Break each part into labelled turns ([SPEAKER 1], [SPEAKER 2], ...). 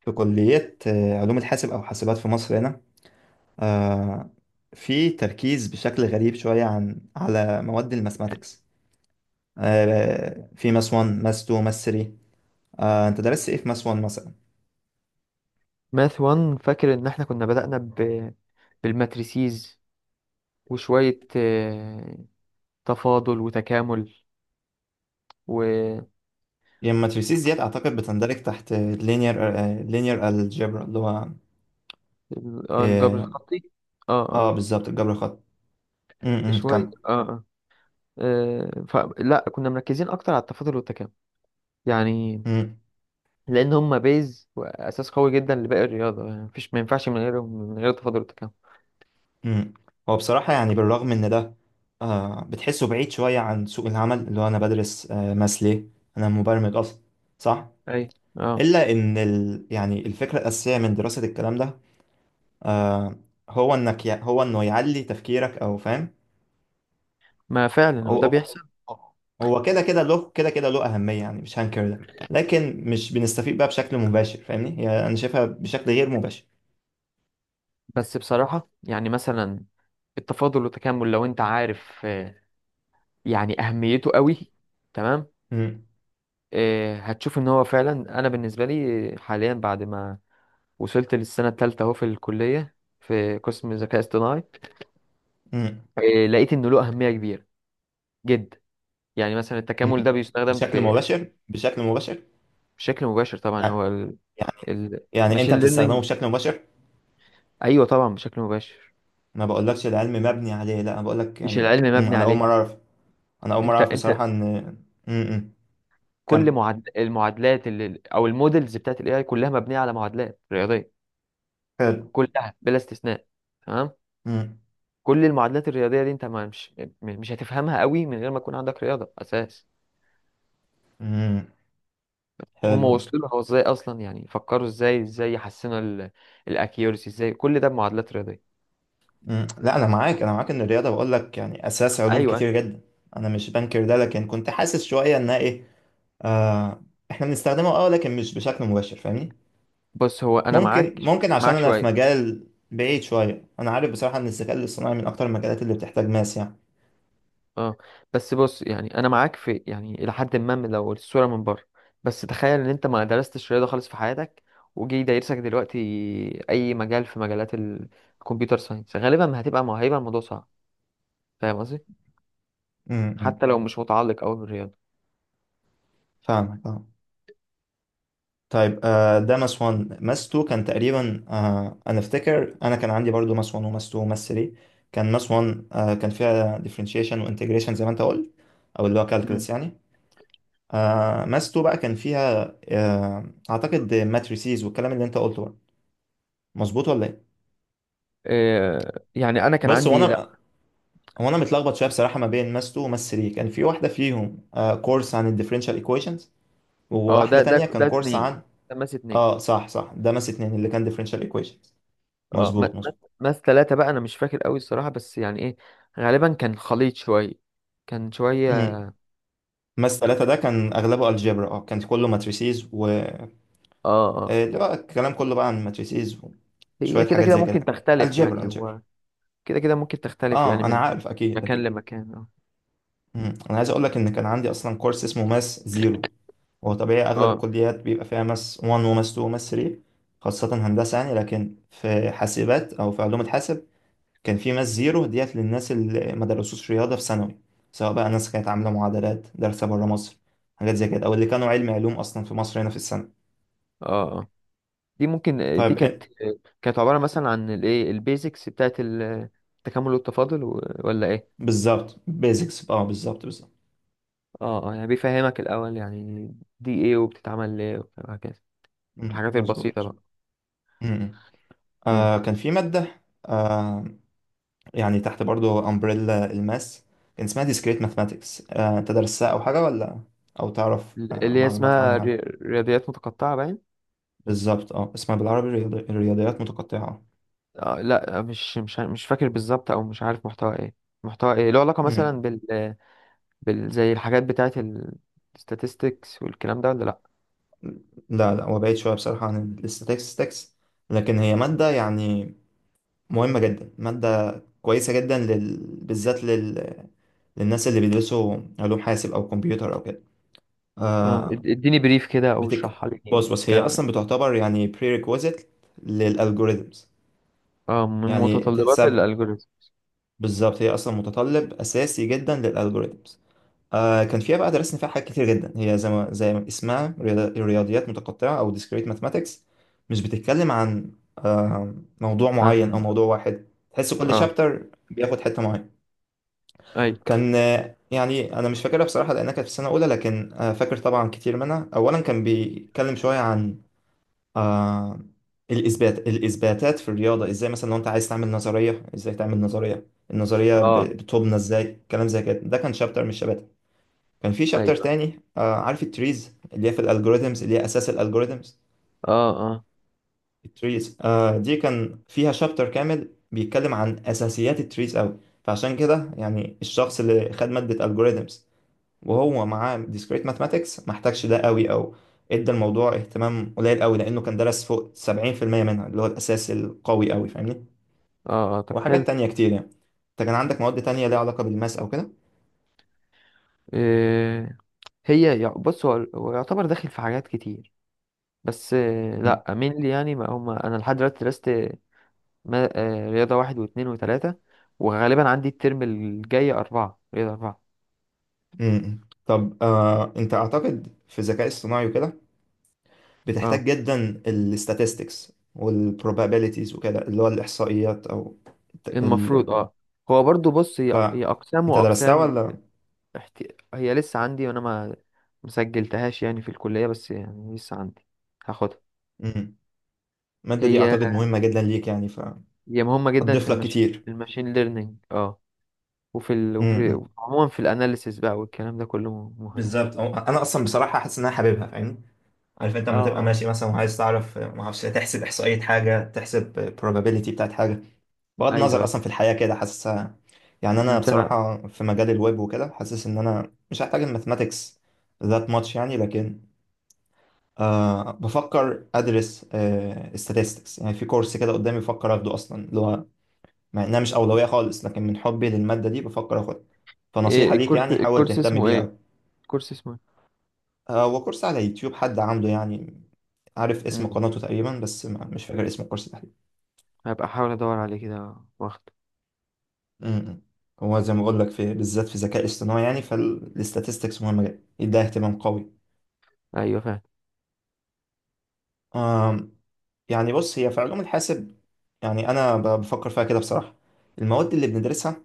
[SPEAKER 1] في كلية علوم الحاسب أو حاسبات في مصر هنا. آه، في تركيز بشكل غريب شوية على مواد الماثماتكس. في ماس 1 ماس 2 ماس 3. أنت درست إيه في ماس 1 مثلا؟
[SPEAKER 2] ماث 1 فاكر ان احنا كنا بدأنا بالماتريسيز، وشوية تفاضل وتكامل والجبر
[SPEAKER 1] هي الماتريسيز ديت أعتقد بتندرج تحت لينير الجبرا اللي هو آه
[SPEAKER 2] الخطي. اه، اه.
[SPEAKER 1] بالظبط الجبر الخطي. م- م،
[SPEAKER 2] شوية
[SPEAKER 1] كم.
[SPEAKER 2] اه، اه، فلا كنا مركزين اكتر على التفاضل والتكامل، يعني
[SPEAKER 1] م-
[SPEAKER 2] لان هما بيز واساس قوي جدا لباقي الرياضة، يعني مفيش، ما ينفعش من غيرهم، من غير التفاضل والتكامل.
[SPEAKER 1] م. هو بصراحة يعني بالرغم إن ده بتحسه بعيد شوية عن سوق العمل، اللي هو أنا بدرس ماس ليه. أنا مبرمج أصلا، صح؟
[SPEAKER 2] اي، اه.
[SPEAKER 1] الا ان يعني الفكره الاساسيه من دراسه الكلام ده آه هو هو انه يعلي تفكيرك، او فاهم.
[SPEAKER 2] ما فعلا هو
[SPEAKER 1] هو
[SPEAKER 2] ده
[SPEAKER 1] هو
[SPEAKER 2] بيحصل.
[SPEAKER 1] هو كده كده له كده كده له اهميه، يعني مش هنكر ده، لكن مش بنستفيد بقى بشكل مباشر، فاهمني؟ يعني انا شايفها بشكل غير مباشر.
[SPEAKER 2] بس بصراحة يعني مثلا التفاضل والتكامل لو انت عارف، يعني اهميته قوي، تمام.
[SPEAKER 1] مم.
[SPEAKER 2] هتشوف ان هو فعلا انا بالنسبه لي حاليا بعد ما وصلت للسنه الثالثه اهو في الكليه في قسم ذكاء اصطناعي.
[SPEAKER 1] مم.
[SPEAKER 2] لقيت انه له اهميه كبيره جدا، يعني مثلا
[SPEAKER 1] مم.
[SPEAKER 2] التكامل ده بيستخدم
[SPEAKER 1] بشكل
[SPEAKER 2] في
[SPEAKER 1] مباشر، بشكل مباشر.
[SPEAKER 2] بشكل مباشر طبعا،
[SPEAKER 1] يعني
[SPEAKER 2] هو
[SPEAKER 1] يعني يعني انت
[SPEAKER 2] الماشين
[SPEAKER 1] بتستخدمه
[SPEAKER 2] ليرنينج.
[SPEAKER 1] بشكل مباشر.
[SPEAKER 2] ايوه طبعا بشكل مباشر.
[SPEAKER 1] ما بقولكش العلم مبني عليه، لا انا بقولك
[SPEAKER 2] مش
[SPEAKER 1] يعني
[SPEAKER 2] العلم
[SPEAKER 1] مم.
[SPEAKER 2] مبني عليه.
[SPEAKER 1] انا اول مره
[SPEAKER 2] انت
[SPEAKER 1] اعرف
[SPEAKER 2] انت
[SPEAKER 1] بصراحه ان مم. مم.
[SPEAKER 2] كل
[SPEAKER 1] كم
[SPEAKER 2] المعادلات او المودلز بتاعت الاي اي كلها مبنيه على معادلات رياضيه،
[SPEAKER 1] حلو.
[SPEAKER 2] كلها بلا استثناء، تمام.
[SPEAKER 1] مم.
[SPEAKER 2] كل المعادلات الرياضيه دي انت، ما، مش، مش هتفهمها قوي من غير ما يكون عندك رياضه اساس.
[SPEAKER 1] امم.
[SPEAKER 2] هم
[SPEAKER 1] حلو ده.
[SPEAKER 2] وصلوا لها ازاي اصلا؟ يعني فكروا ازاي، ازاي يحسنوا الاكيورسي، ازاي كل ده بمعادلات رياضيه.
[SPEAKER 1] مم. لا، انا معاك ان الرياضه، بقول لك يعني اساس علوم كتير
[SPEAKER 2] ايوه.
[SPEAKER 1] جدا. انا مش بنكر ده، لكن كنت حاسس شويه انها ايه. آه احنا بنستخدمه اه، لكن مش بشكل مباشر، فاهمني.
[SPEAKER 2] بص هو انا
[SPEAKER 1] ممكن ممكن عشان
[SPEAKER 2] معاك
[SPEAKER 1] انا في
[SPEAKER 2] شويه،
[SPEAKER 1] مجال بعيد شويه. انا عارف بصراحه ان الذكاء الاصطناعي من اكتر المجالات اللي بتحتاج ماس يعني.
[SPEAKER 2] اه. بس بص يعني انا معاك في، يعني الى حد ما، من، لو الصوره من بره. بس تخيل ان انت ما درستش رياضه خالص في حياتك، وجي دايرسك دلوقتي اي مجال في مجالات الكمبيوتر ساينس، غالبا ما هيبقى الموضوع صعب. فاهم قصدي؟
[SPEAKER 1] امم.
[SPEAKER 2] حتى لو مش متعلق قوي بالرياضه.
[SPEAKER 1] فاهمك آه. طيب ده ماس 1 ماس 2 كان تقريبا، انا افتكر انا كان عندي برضو ماس 1 وماس 2 وماس 3. كان ماس 1 كان فيها differentiation وانتجريشن زي ما انت قلت، او اللي هو calculus يعني. ماس 2 بقى كان فيها اعتقد matrices والكلام اللي انت قلته بقى، مظبوط ولا ايه؟
[SPEAKER 2] يعني انا كان
[SPEAKER 1] بص، هو
[SPEAKER 2] عندي لا.
[SPEAKER 1] انا هو انا متلخبط شويه بصراحه ما بين ماس 2 وماس 3. كان في واحده فيهم كورس عن الديفرنشال equations،
[SPEAKER 2] اه، ده
[SPEAKER 1] وواحده
[SPEAKER 2] ده
[SPEAKER 1] تانية
[SPEAKER 2] ده
[SPEAKER 1] كان كورس
[SPEAKER 2] اتنين،
[SPEAKER 1] عن
[SPEAKER 2] ده ماس اتنين.
[SPEAKER 1] اه. صح صح، ده ماس 2 اللي كان differential equations،
[SPEAKER 2] اه،
[SPEAKER 1] مظبوط مظبوط.
[SPEAKER 2] ماس تلاتة بقى انا مش فاكر قوي الصراحة، بس يعني ايه، غالبا كان خليط شوية، كان شوية.
[SPEAKER 1] مم. ماس 3 ده كان أغلبه الجبرا، اه كان كله ماتريسيز و
[SPEAKER 2] اه، اه.
[SPEAKER 1] اللي هو الكلام كله بقى عن ماتريسيز
[SPEAKER 2] هي
[SPEAKER 1] وشوية
[SPEAKER 2] كده
[SPEAKER 1] حاجات
[SPEAKER 2] كده
[SPEAKER 1] زي
[SPEAKER 2] ممكن
[SPEAKER 1] كده.
[SPEAKER 2] تختلف
[SPEAKER 1] الجبرا
[SPEAKER 2] يعني،
[SPEAKER 1] الجبرا
[SPEAKER 2] هو كده كده ممكن تختلف يعني
[SPEAKER 1] اه، أنا
[SPEAKER 2] من
[SPEAKER 1] عارف، أكيد
[SPEAKER 2] مكان
[SPEAKER 1] أكيد.
[SPEAKER 2] لمكان، اه،
[SPEAKER 1] مم. أنا عايز أقول لك إن كان عندي أصلا كورس اسمه ماس زيرو. هو طبيعي أغلب
[SPEAKER 2] اه،
[SPEAKER 1] الكليات بيبقى فيها ماس 1 وماس 2 وماس 3، خاصة هندسة يعني، لكن في حاسبات أو في علوم الحاسب كان في ماس زيرو ديت للناس اللي ما درسوش رياضة في ثانوي، سواء بقى ناس كانت عاملة معادلات دارسة بره مصر، حاجات زي كده، أو اللي كانوا علمي علوم أصلا في مصر هنا في السنة.
[SPEAKER 2] اه. آه. دي ممكن، دي
[SPEAKER 1] طيب.
[SPEAKER 2] كانت، كانت عبارة مثلا عن الايه البيزكس بتاعت التكامل والتفاضل، ولا ايه؟
[SPEAKER 1] بالظبط بيزكس اه، بالظبط بالظبط.
[SPEAKER 2] اه، اه، يعني بيفهمك الاول، يعني دي ايه، وبتتعمل ليه، وهكذا
[SPEAKER 1] مم،
[SPEAKER 2] الحاجات البسيطة
[SPEAKER 1] مظبوط.
[SPEAKER 2] بقى.
[SPEAKER 1] مم.
[SPEAKER 2] مم.
[SPEAKER 1] كان في مادة آه يعني تحت برضو امبريلا الماس، كان اسمها discrete mathematics. انت درستها او حاجة ولا، او تعرف
[SPEAKER 2] اللي هي
[SPEAKER 1] معلومات
[SPEAKER 2] اسمها
[SPEAKER 1] عنها؟
[SPEAKER 2] رياضيات متقطعة، باين.
[SPEAKER 1] بالظبط، اه اسمها بالعربي الرياضيات متقطعة.
[SPEAKER 2] آه، لا، مش فاكر بالظبط، او مش عارف محتوى ايه. محتوى ايه له علاقة مثلا
[SPEAKER 1] مم.
[SPEAKER 2] زي الحاجات بتاعة الستاتستكس والكلام ده، ولا لا؟
[SPEAKER 1] لا لا، هو بعيد شوية بصراحة عن الاستاتستكس، لكن هي مادة يعني مهمة جدا، مادة كويسة جدا بالذات للناس اللي بيدرسوا علوم حاسب أو كمبيوتر أو كده.
[SPEAKER 2] اه،
[SPEAKER 1] آه
[SPEAKER 2] اديني بريف كده، او
[SPEAKER 1] بتك
[SPEAKER 2] اشرحها لي، يعني
[SPEAKER 1] بص بص، هي
[SPEAKER 2] بتتكلم عن
[SPEAKER 1] اصلا
[SPEAKER 2] ايه؟
[SPEAKER 1] بتعتبر يعني prerequisite للالجوريزمز.
[SPEAKER 2] اه، من
[SPEAKER 1] يعني
[SPEAKER 2] متطلبات
[SPEAKER 1] تحسب،
[SPEAKER 2] الالجوريزم.
[SPEAKER 1] بالظبط، هي اصلا متطلب اساسي جدا للالجوريزمز. كان فيها بقى درسنا فيها حاجات كتير جدا. هي زي ما اسمها رياضيات متقطعه او discrete mathematics، مش بتتكلم عن آه موضوع معين او
[SPEAKER 2] عن،
[SPEAKER 1] موضوع واحد. تحس كل
[SPEAKER 2] اه،
[SPEAKER 1] شابتر بياخد حته معينه.
[SPEAKER 2] اي،
[SPEAKER 1] كان يعني انا مش فاكرها بصراحه لانها كانت في السنه الاولى، لكن فاكر طبعا كتير منها. اولا كان بيتكلم شويه عن آه الإثباتات في الرياضة، إزاي مثلا لو أنت عايز تعمل نظرية، إزاي تعمل النظرية،
[SPEAKER 2] اه،
[SPEAKER 1] بتبنى إزاي، كلام زي كده. ده كان شابتر من الشباتر. كان في شابتر
[SPEAKER 2] ايوه،
[SPEAKER 1] تاني عارف التريز اللي هي في الألجوريزمز اللي هي أساس الألجوريزمز.
[SPEAKER 2] اه، اه،
[SPEAKER 1] التريز دي كان فيها شابتر كامل بيتكلم عن أساسيات التريز أوي. فعشان كده يعني الشخص اللي خد مادة ألجوريزمز وهو معاه discrete mathematics ما احتاجش ده قوي، او ادى الموضوع اهتمام قليل قوي، لانه كان درس فوق 70% منها اللي هو الاساس القوي قوي، فاهمني.
[SPEAKER 2] اه، آه. طب
[SPEAKER 1] وحاجات
[SPEAKER 2] حلو.
[SPEAKER 1] تانية كتير يعني. انت كان عندك مواد تانية ليها علاقة بالماس او كده؟
[SPEAKER 2] إيه... هي بص، هو يعتبر داخل في حاجات كتير. بس
[SPEAKER 1] مم.
[SPEAKER 2] لا مين لي، يعني ما هم انا لحد دلوقتي درست، رياضه واحد واثنين وثلاثه، وغالبا عندي الترم الجاي اربعه، رياضه اربعه.
[SPEAKER 1] مم. طب انت اعتقد في الذكاء الصناعي وكده بتحتاج
[SPEAKER 2] اه،
[SPEAKER 1] جدا الستاتستكس والبروبابيليتيز وكده، اللي هو الاحصائيات او الت- ال...
[SPEAKER 2] المفروض، اه، هو برضو، بص،
[SPEAKER 1] ف
[SPEAKER 2] هي اقسام
[SPEAKER 1] انت درستها
[SPEAKER 2] واقسام.
[SPEAKER 1] ولا؟
[SPEAKER 2] احت... هي لسه عندي، وانا ما مسجلتهاش يعني في الكليه، بس يعني لسه عندي، هاخدها.
[SPEAKER 1] مم. المادة دي
[SPEAKER 2] هي
[SPEAKER 1] اعتقد مهمة جدا ليك يعني،
[SPEAKER 2] هي مهمه جدا
[SPEAKER 1] فهتضيف لك كتير.
[SPEAKER 2] في الماشين ليرنينج، اه، وفي
[SPEAKER 1] مم.
[SPEAKER 2] عموما في الاناليسيس بقى، والكلام ده كله مهم.
[SPEAKER 1] بالظبط، انا اصلا بصراحه حاسس ان انا حاببها، فاهم. عارف انت
[SPEAKER 2] اه،
[SPEAKER 1] لما تبقى
[SPEAKER 2] اه،
[SPEAKER 1] ماشي مثلا وعايز تعرف ما اعرفش تحسب احصائيه حاجه، تحسب probability بتاعت حاجه، بغض
[SPEAKER 2] ايوه،
[SPEAKER 1] النظر
[SPEAKER 2] أيوة.
[SPEAKER 1] اصلا في الحياه كده حاسسها. يعني انا
[SPEAKER 2] انت،
[SPEAKER 1] بصراحه في مجال الويب وكده حاسس ان انا مش هحتاج الماثماتكس ذات ماتش يعني، لكن بفكر ادرس statistics يعني، في كورس كده قدامي بفكر اخده اصلا، اللي هو مع انها مش اولويه خالص، لكن من حبي للماده دي بفكر اخدها.
[SPEAKER 2] ايه
[SPEAKER 1] فنصيحه ليك
[SPEAKER 2] الكورس،
[SPEAKER 1] يعني حاول
[SPEAKER 2] الكورس
[SPEAKER 1] تهتم
[SPEAKER 2] اسمه ايه؟
[SPEAKER 1] بيها.
[SPEAKER 2] الكورس اسمه ايه؟
[SPEAKER 1] هو كورس على يوتيوب حد عامله يعني، عارف اسم
[SPEAKER 2] امم،
[SPEAKER 1] قناته تقريبا، بس مش فاكر اسم الكورس تحديدا.
[SPEAKER 2] هبقى احاول ادور عليه كده واخد.
[SPEAKER 1] م-م. هو زي ما بقول لك، في بالذات في ذكاء اصطناعي يعني، فالاستاتستكس مهمة جدا، يديها اهتمام قوي.
[SPEAKER 2] ايوه، فاهم.
[SPEAKER 1] آم، يعني بص هي في علوم الحاسب، يعني انا بفكر فيها كده بصراحة. المواد اللي بندرسها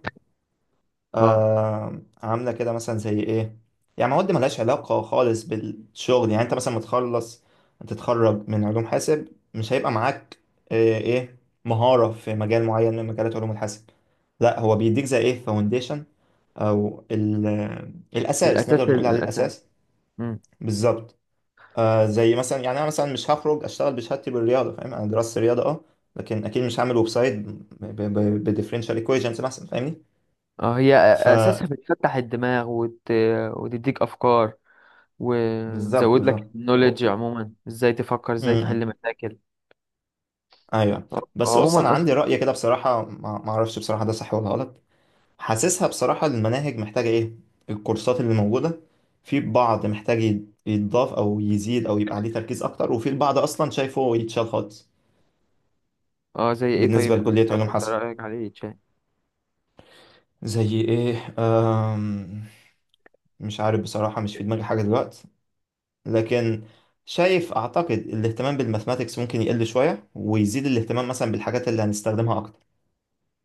[SPEAKER 2] اه،
[SPEAKER 1] عامله كده مثلا زي ايه، يعني مواد ملهاش علاقه خالص بالشغل. يعني انت مثلا متخلص تتخرج من علوم حاسب، مش هيبقى معاك ايه مهاره في مجال معين من مجالات علوم الحاسب. لا هو بيديك زي ايه فاونديشن، او الاساس،
[SPEAKER 2] الاساس،
[SPEAKER 1] نقدر نقول عليه
[SPEAKER 2] الاساس.
[SPEAKER 1] الاساس.
[SPEAKER 2] امم.
[SPEAKER 1] بالظبط. زي مثلا يعني انا مثلا مش هخرج اشتغل بشهادتي بالرياضه، فاهم. انا درست رياضه اه، لكن اكيد مش هعمل ويب سايت بديفرنشال ايكويشنز مثلا،
[SPEAKER 2] اه، هي اساسها
[SPEAKER 1] فاهمني.
[SPEAKER 2] بتفتح الدماغ وتديك افكار،
[SPEAKER 1] بالظبط
[SPEAKER 2] وتزود لك
[SPEAKER 1] بالظبط.
[SPEAKER 2] النوليدج عموما، ازاي تفكر، ازاي
[SPEAKER 1] امم.
[SPEAKER 2] تحل مشاكل.
[SPEAKER 1] ايوه.
[SPEAKER 2] اه،
[SPEAKER 1] بس بص انا
[SPEAKER 2] عموما
[SPEAKER 1] عندي
[SPEAKER 2] اصلا.
[SPEAKER 1] رأي كده بصراحة، ما اعرفش بصراحة ده صح ولا غلط. حاسسها بصراحة المناهج محتاجة ايه، الكورسات اللي موجودة في بعض محتاج يتضاف او يزيد او يبقى عليه تركيز اكتر، وفي البعض اصلا شايفه يتشال خالص.
[SPEAKER 2] اه، زي ايه؟
[SPEAKER 1] بالنسبة
[SPEAKER 2] طيب اللي
[SPEAKER 1] لكلية
[SPEAKER 2] انت
[SPEAKER 1] علوم
[SPEAKER 2] انت
[SPEAKER 1] حاسب،
[SPEAKER 2] رايك عليه تشاه.
[SPEAKER 1] زي ايه مش عارف بصراحة، مش في دماغي حاجة دلوقتي، لكن شايف اعتقد الاهتمام بالماثماتكس ممكن يقل شوية ويزيد الاهتمام مثلا بالحاجات اللي هنستخدمها اكتر،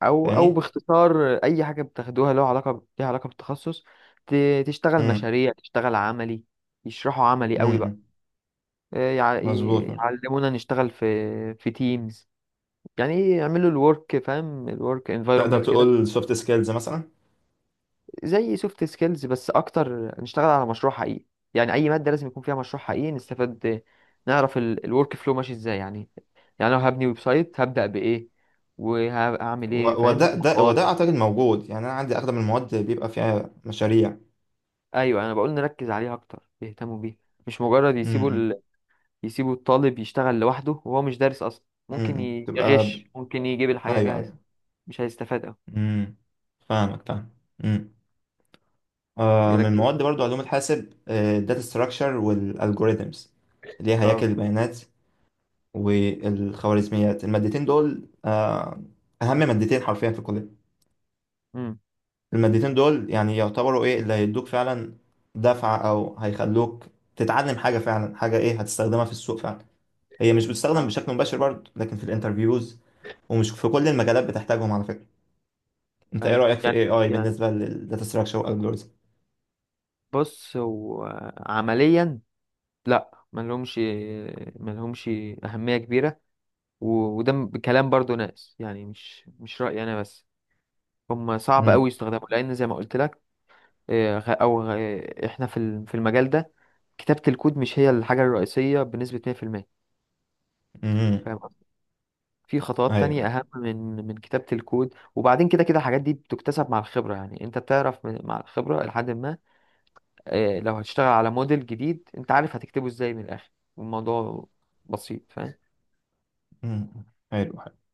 [SPEAKER 2] او، او
[SPEAKER 1] فاهمني.
[SPEAKER 2] باختصار اي حاجه بتاخدوها لها علاقه ليها علاقه بالتخصص، ت... تشتغل
[SPEAKER 1] امم.
[SPEAKER 2] مشاريع، تشتغل عملي، يشرحوا عملي
[SPEAKER 1] امم.
[SPEAKER 2] قوي بقى.
[SPEAKER 1] امم.
[SPEAKER 2] آه، يع-
[SPEAKER 1] مظبوط مظبوط.
[SPEAKER 2] يعلمونا نشتغل في تيمز، يعني ايه، يعملوا الورك، فاهم؟ الورك
[SPEAKER 1] تقدر
[SPEAKER 2] انفايرمنت كده.
[SPEAKER 1] تقول سوفت سكيلز مثلا.
[SPEAKER 2] زي سوفت سكيلز، بس اكتر نشتغل على مشروع حقيقي، يعني اي ماده لازم يكون فيها مشروع حقيقي، نستفاد، نعرف الورك فلو ماشي ازاي، يعني يعني لو هبني ويب سايت، هبدا بايه، وهعمل ايه؟ فاهم
[SPEAKER 1] وده
[SPEAKER 2] الخطوات.
[SPEAKER 1] اعتقد موجود، يعني انا عندي اغلب المواد بيبقى فيها مشاريع.
[SPEAKER 2] ايوه، انا بقول نركز عليها اكتر، يهتموا بيها، مش مجرد
[SPEAKER 1] امم.
[SPEAKER 2] يسيبوا
[SPEAKER 1] امم.
[SPEAKER 2] يسيبوا الطالب يشتغل لوحده، وهو مش دارس اصلا، ممكن
[SPEAKER 1] تبقى،
[SPEAKER 2] يغش، ممكن يجيب الحاجه
[SPEAKER 1] ايوه
[SPEAKER 2] جاهزه،
[SPEAKER 1] ايوه.
[SPEAKER 2] مش هيستفاد أوي.
[SPEAKER 1] امم. فاهمك، فاهم. امم. من
[SPEAKER 2] يركز.
[SPEAKER 1] مواد برضو علوم الحاسب الداتا ستراكشر والالجوريثمز، اللي هي هياكل
[SPEAKER 2] اه.
[SPEAKER 1] البيانات والخوارزميات. المادتين دول اهم مادتين حرفيا في الكليه.
[SPEAKER 2] امم.
[SPEAKER 1] المادتين دول يعني يعتبروا ايه اللي هيدوك فعلا دفعة، او هيخلوك تتعلم حاجة فعلا، حاجة ايه هتستخدمها في السوق فعلا. هي مش بتستخدم
[SPEAKER 2] اه،
[SPEAKER 1] بشكل مباشر برضه، لكن في الانترفيوز. ومش في كل المجالات بتحتاجهم على فكرة. انت ايه
[SPEAKER 2] اي
[SPEAKER 1] رأيك في
[SPEAKER 2] يعني،
[SPEAKER 1] الاي اي
[SPEAKER 2] يعني
[SPEAKER 1] بالنسبة للداتا ستراكشر والالجوريزم؟
[SPEAKER 2] بص هو عمليا، لا، ملهمش أهمية كبيرة، وده كلام برضو ناس، يعني مش رأيي أنا بس، هم صعب أوي
[SPEAKER 1] امم.
[SPEAKER 2] يستخدموا، لأن زي ما قلت لك. إحنا في المجال ده، كتابة الكود مش هي الحاجة الرئيسية بنسبة 100%.
[SPEAKER 1] امم.
[SPEAKER 2] فاهم قصدي؟ في خطوات تانية
[SPEAKER 1] ايوه.
[SPEAKER 2] أهم من كتابة الكود، وبعدين كده كده الحاجات دي بتكتسب مع الخبرة، يعني أنت بتعرف مع الخبرة لحد ما. لو هتشتغل على موديل جديد، انت عارف هتكتبه ازاي، من الاخر الموضوع بسيط، فاهم.
[SPEAKER 1] امم. حلو حلو.